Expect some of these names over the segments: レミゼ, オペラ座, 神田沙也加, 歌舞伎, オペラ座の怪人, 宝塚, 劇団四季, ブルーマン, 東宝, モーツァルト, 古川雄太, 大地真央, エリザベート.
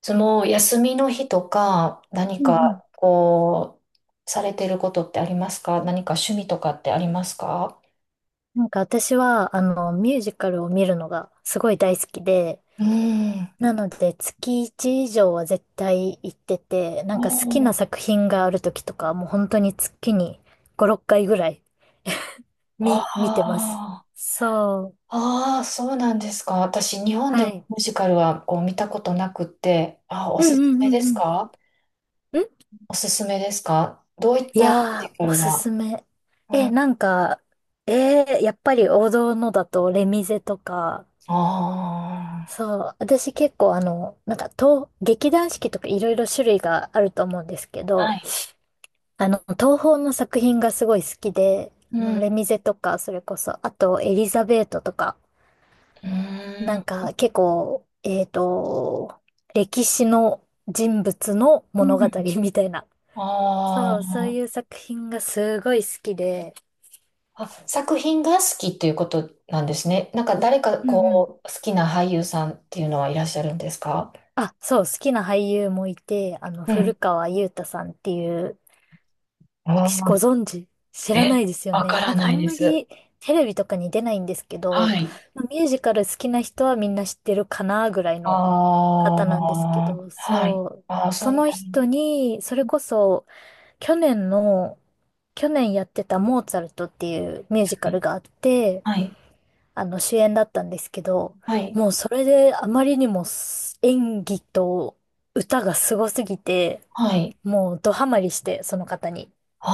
つも休みの日とか何うんうん。かこうされてることってありますか？何か趣味とかってありますか？なんか私は、ミュージカルを見るのがすごい大好きで、うん。なので月1以上は絶対行ってて、なおんか好きなー。作品がある時とか、もう本当に月に5、6回ぐらいあ見てます。ー。そう。あー、そうなんですか。私、日本でははい。ミュージカルはこう見たことなくって、あ、おうんうすすんめうですんうか？ん。おすすめですか？どういっいたミューやー、ジカおルすが、すめ。うん、あなんか、やっぱり王道のだとレミゼとか、そあ、う、私結構なんか劇団四季とかいろいろ種類があると思うんですけはど、い。東宝の作品がすごい好きで、うん。うレミゼとか、それこそ、あとエリザベートとか、ーなん。んか結構、歴史の人物の物語みたいな。あそう、あ。そういう作品がすごい好きで、あ、作品が好きっていうことなんですね。なんか誰かうんうん。こう、好きな俳優さんっていうのはいらっしゃるんですか？あ、そう、好きな俳優もいて、う古ん。川雄太さんっていう、あしごー。存知知らなえ、いですよわかね。らなんかなあいんでます。りテレビとかに出ないんですけはど、い。まあミュージカル好きな人はみんな知ってるかなぐらいあの方なんですけあ、ど、はい。そう。ああ、そそうなん、の人に、それこそ去年の、去年やってたモーツァルトっていうミュージカルがあって、はい、あの主演だったんですけど、はい、もうそれであまりにも演技と歌がすごすぎて、はい。もうドハマりして、その方に。あ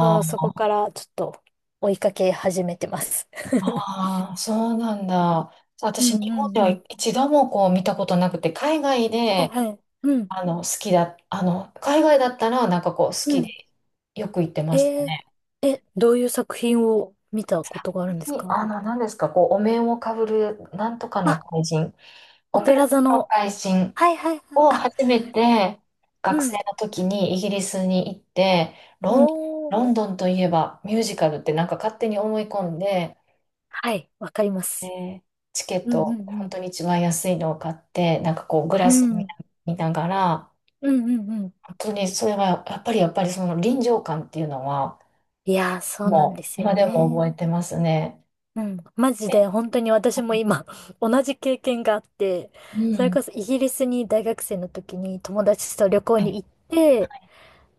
そう、そー。こからちょっと追いかけ始めてます。あー、そうなんだ。う私、ん日う本ではんうん。一度もこう見たことなくて、海外はいで、はい。うん、あの、好きだ、あの、海外だったら、なんかこう、好うきで、ん。よく行ってえましたー、ね。どういう作品を見たことがあるんですに、か？あの、何ですか、こう、お面をかぶる、なんとかのあ、怪人、オオペペララ座座のの。怪人はいはいはい。をあ、初めて、う学生ん。の時にイギリスに行って、ロンドン、おー。ロンドンといえばミュージカルってなんか勝手に思い込んで、はい、わかります。で、チケッうんうト、本ん当に一番安いのを買って、なんかこう、グうラスん。う見なん、見ながら、うん、うん、うん。本当にそれは、やっぱりその臨場感っていうのは、いやー、そうなんもですう、よ今でもね。覚えてますね。うん、マジで、で本当に私はもい。今 同じ経験があって、うそれん。こそイギリスに大学生の時に友達と旅行はい。に行って、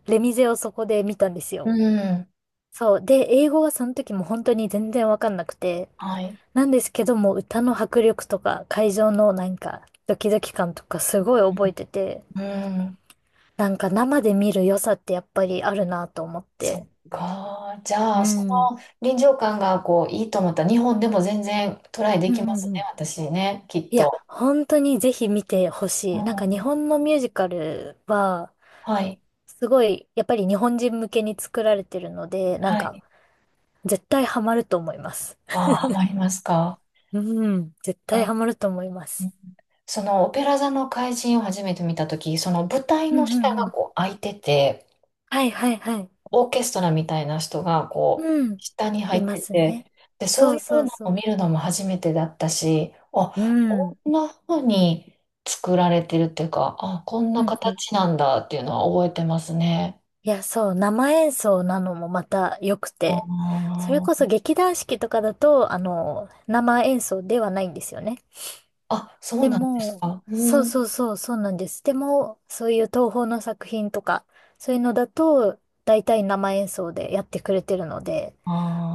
レミゼをそこで見たんですうよ。ん。そう。で、英語はその時も本当に全然わかんなくて、はい。なんですけども歌の迫力とか会場のなんかドキドキ感とかすごい覚えてて、うん、なんか生で見る良さってやっぱりあるなと思っそて。っか。じゃうあ、そん。の臨場感がこういいと思ったら、日本でも全然トライでうきんまうすんうね、ん。私ね、きっいや、と。本当にぜひ見てほうしい。なんか日ん、本のミュージカルは、はい、すごい、やっぱり日本人向けに作られてるので、なんはか、い。絶対ハマると思います。ああ、ハマりますか？うん、絶対あ、ハマると思いまうす。ん。そのオペラ座の怪人を初めて見たとき、その舞台うんのう下んうがん。こう開いてて、はいはいはい。オーケストラみたいな人がこううん。下に入いっまてすね。て、で、そそうういうそうのそを見う。るのも初めてだったし、あ、うこん。んな風に作られてるっていうか、あ、こんうなんうん。形なんだっていうのは覚えてますね。いや、そう、生演奏なのもまた良くて、それあこそー、劇団四季とかだと、生演奏ではないんですよね。あ、そうでなんですも、か。うそうそん。うそう、そうなんです。でも、そういう東宝の作品とか、そういうのだと、大体生演奏でやってくれてるので、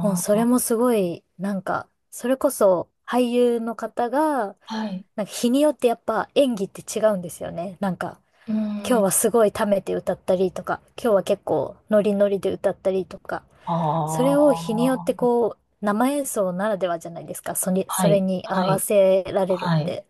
もうそれもすごい、なんか、それこそ俳優の方が、あ、はい。なんか日によってやっぱ演技って違うんですよね。なんか、う今日ん。はすごい溜めて歌ったりとか、今日は結構ノリノリで歌ったりとか、あそれを日によってあ、こう、生演奏ならではじゃないですか。それ、はそれい、に合はわい、せられるっはい。て。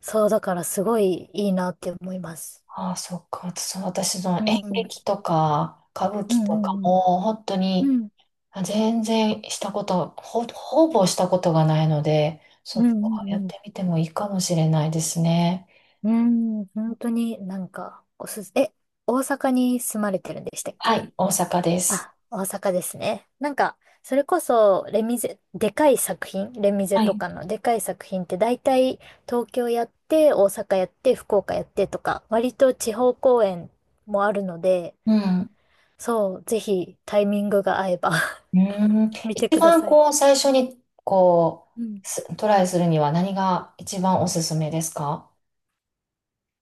そう、だからすごいいいなって思います。ああ、そっか。そう、私、そのう演ん。うん劇とか歌舞う伎とかんうん。も、本当うにん。あ全然したこと、ほ、ほぼしたことがないので、そうっんうか、やっんうてみてもいいかもしれないですね。ん。うん。本当になんか、おすす、え、大阪に住まれてるんでしたっはけ？い、大阪です。あ、大阪ですね。なんか、それこそ、レミゼはとい。かのでかい作品って大体東京やって、大阪やって、福岡やってとか、割と地方公演もあるので、うん。そう、ぜひタイミングが合えば うーん。見て一くだ番さい。こう、最初にこうん。う、すトライするには何が一番おすすめですか？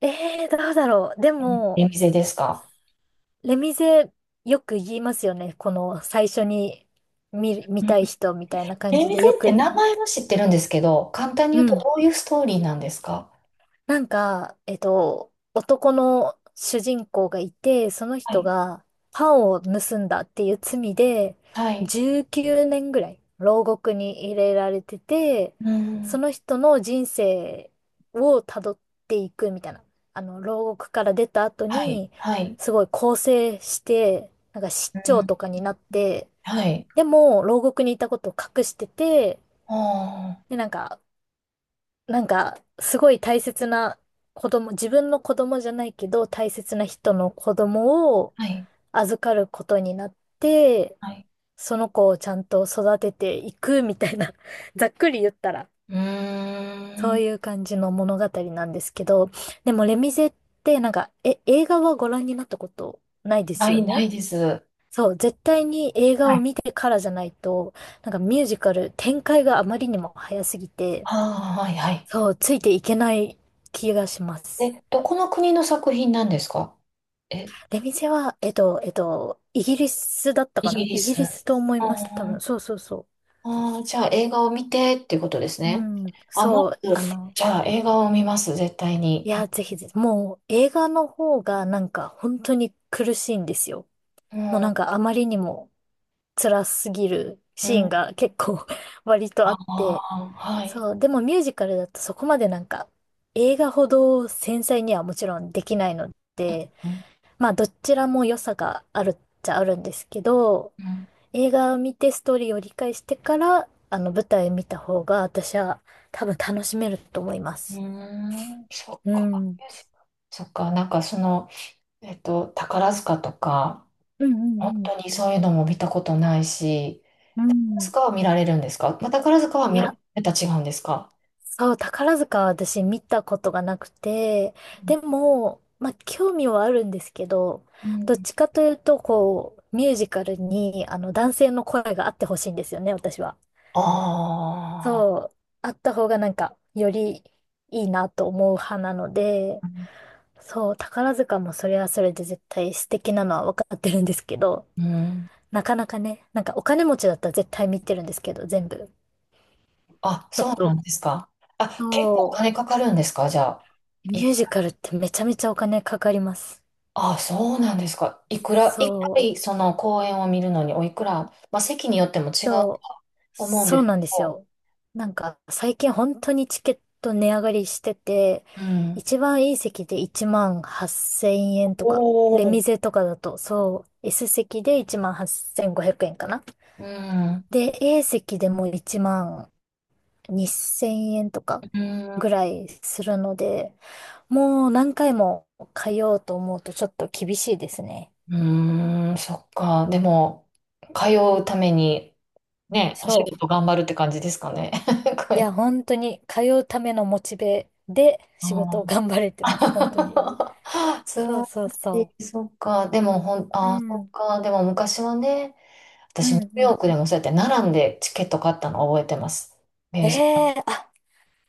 どうだろう。でも、出店ですか？レミゼよく言いますよね。この最初に見る、見うん。たい人みたいな感出じ店っでよてく。名前は知ってるんですけど、簡単にう言うとん。どういうストーリーなんですか？なんか、男の主人公がいて、そのは人い。がパンを盗んだっていう罪で、はい。19年ぐらい牢獄に入れられてて、うそん。の人の人生をたどっていくみたいな。牢獄から出た後はい。に、はい。すごい更生して、なんか市う長ん。とかになって、はい。でも、牢獄にいたことを隠してて、ああ。で、なんか、すごい大切な子供、自分の子供じゃないけど、大切な人の子供をはい。預かることになって、はい。その子をちゃんと育てていくみたいな、ざっくり言ったら、うーそうん。いう感じの物語なんですけど、でもレミゼってなんか、映画はご覧になったことないですなよい、なね？いです。はそう、絶対に映画を見い。てからじゃないと、なんかミュージカル展開があまりにも早すぎて、ああ、はい、はい。そう、ついていけない気がします。え、どこの国の作品なんですか？え、出店は、イギリスだったイかギな？リイギス。リスと思いあます、多あ、分。そうそうそあー、じゃあ映画を見てっていうことですう。ね。うん、あ、まそう、ず、じゃあ映画を見ます、絶対いに。や、ぜひぜひ、もう映画の方がなんか本当に苦しいんですよ。うもうん。うん。なんかあまりにも辛すぎるシーンが結構 割とああって、あ、はい。そう、でもミュージカルだとそこまでなんか映画ほど繊細にはもちろんできないので、うん。まあどちらも良さがあるっちゃあるんですけど、うん。映画を見てストーリーを理解してから、舞台見た方が私は多分楽しめると思いまうーす。ん。そっうん。か。うんそっか。なんかその、えっと、宝塚とか、うん本うん。当にそういうのも見たことないし、う宝ん。塚は見られるんですか？まあ宝塚はい見や、る、また違うんですか？そう、宝塚は私見たことがなくて、でも、まあ、興味はあるんですけど、うどっん。ちかというと、こう、ミュージカルに、男性の声があってほしいんですよね、私は。あそう、あった方がなんか、よりいいなと思う派なので、あ、そう、宝塚もそれはそれで絶対素敵なのは分かってるんですけど、うん。なかなかね、なんかお金持ちだったら絶対見てるんですけど、全部。あ、ちょっそうなと、んですか。あ、結構おそ金かかるんですか、じゃあ。う、ミい、ュージカルってめちゃめちゃお金かかります。あ、そうなんですか。いくら、一そ回その公演を見るのにおいくら、まあ席によっても違う、うとそう、思うんそでうすけなんですど、よ。なんか最近本当にチケット値上がりしてて、うん。一番いい席で1万8000円とか、レおお。ミゼとかだと、そう、S席で1万8500円かな。うん。で、A席でも1万2000円とかうぐん。らいするので、もう何回も通おうと思うとちょっと厳しいですね。うーん、そっか。でも、通うために、ね、お仕そ事頑張るって感じですかね。こう。いれや、本当に通うためのモチベであ仕事をー 頑張れてます。本当に。素そう晴そうらしそい。そっか。でも、ほん、う。うあー、そん。っか。でも、昔はね、う私、ニんューヨうん。ークでもそうやって並んでチケット買ったの覚えてます。ミュえージカル。え。あ、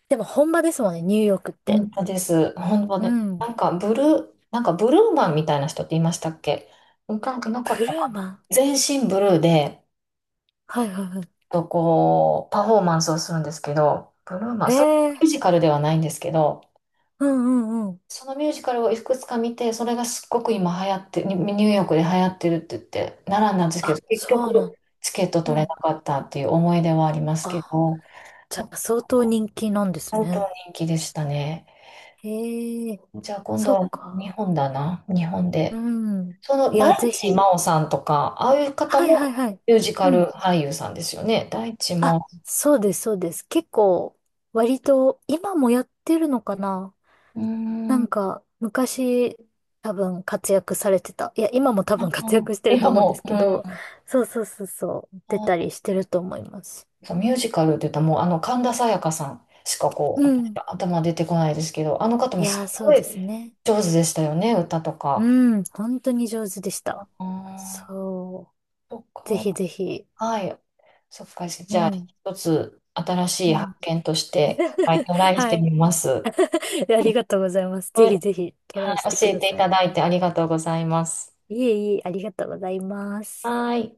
でも本場ですもんね、ニューヨークって。本当です。本当うで、ん。なんか、ブルー、なんか、ブルーマンみたいな人っていましたっけ？なんかなかったブルーかマな。ン。全身ブルーで、はいはいはい。とこう、パフォーマンスをするんですけど、ブルーマー、えそれミュえ。ージカルではないんですけど、うんうんうん。そのミュージカルをいくつか見て、それがすっごく今流行って、ニニューヨークで流行ってるって言って、奈良なんですけあ、ど、結そ局うなん。チケット取うれん。なかったっていう思い出はありますけあ、ど、じそゃう、あ相当人気なんです本当ね。人気でしたね。へえ、じゃあ今度そっは日か。本だな、日本うで。ん。そのいや、大ぜ地ひ。真央さんとか、ああいう方はいはいもはい。ミュージカうルん。俳優さんですよね。大地真あ、央。そうです、そうです。結構、割と、今もやってるのかな？うーなんん。か、昔、多分活躍されてた。いや、今も多あ分活ー躍してると今思うんでも、すうけど、ん。そうそうそうそう、出たあ、りしてると思います。そう、ミュージカルって言ったらもうあの神田沙也加さんしかこうう私ん。は頭出てこないですけど、あの方いもやすー、そごうでいすね。上手でしたよね、歌とうか。ん、本当に上手でした。あそー、そっう。ぜか。ひぜひ。はい。そっか。じうゃあ、ん。一つ新しいう発ん。見として、はい、トラ イしはてい。みます。ありがとうございます。ぜはひい、ぜひトラはイしい、て教くえだていさたい。だいてありがとうございます。いえいえ、ありがとうございます。はい。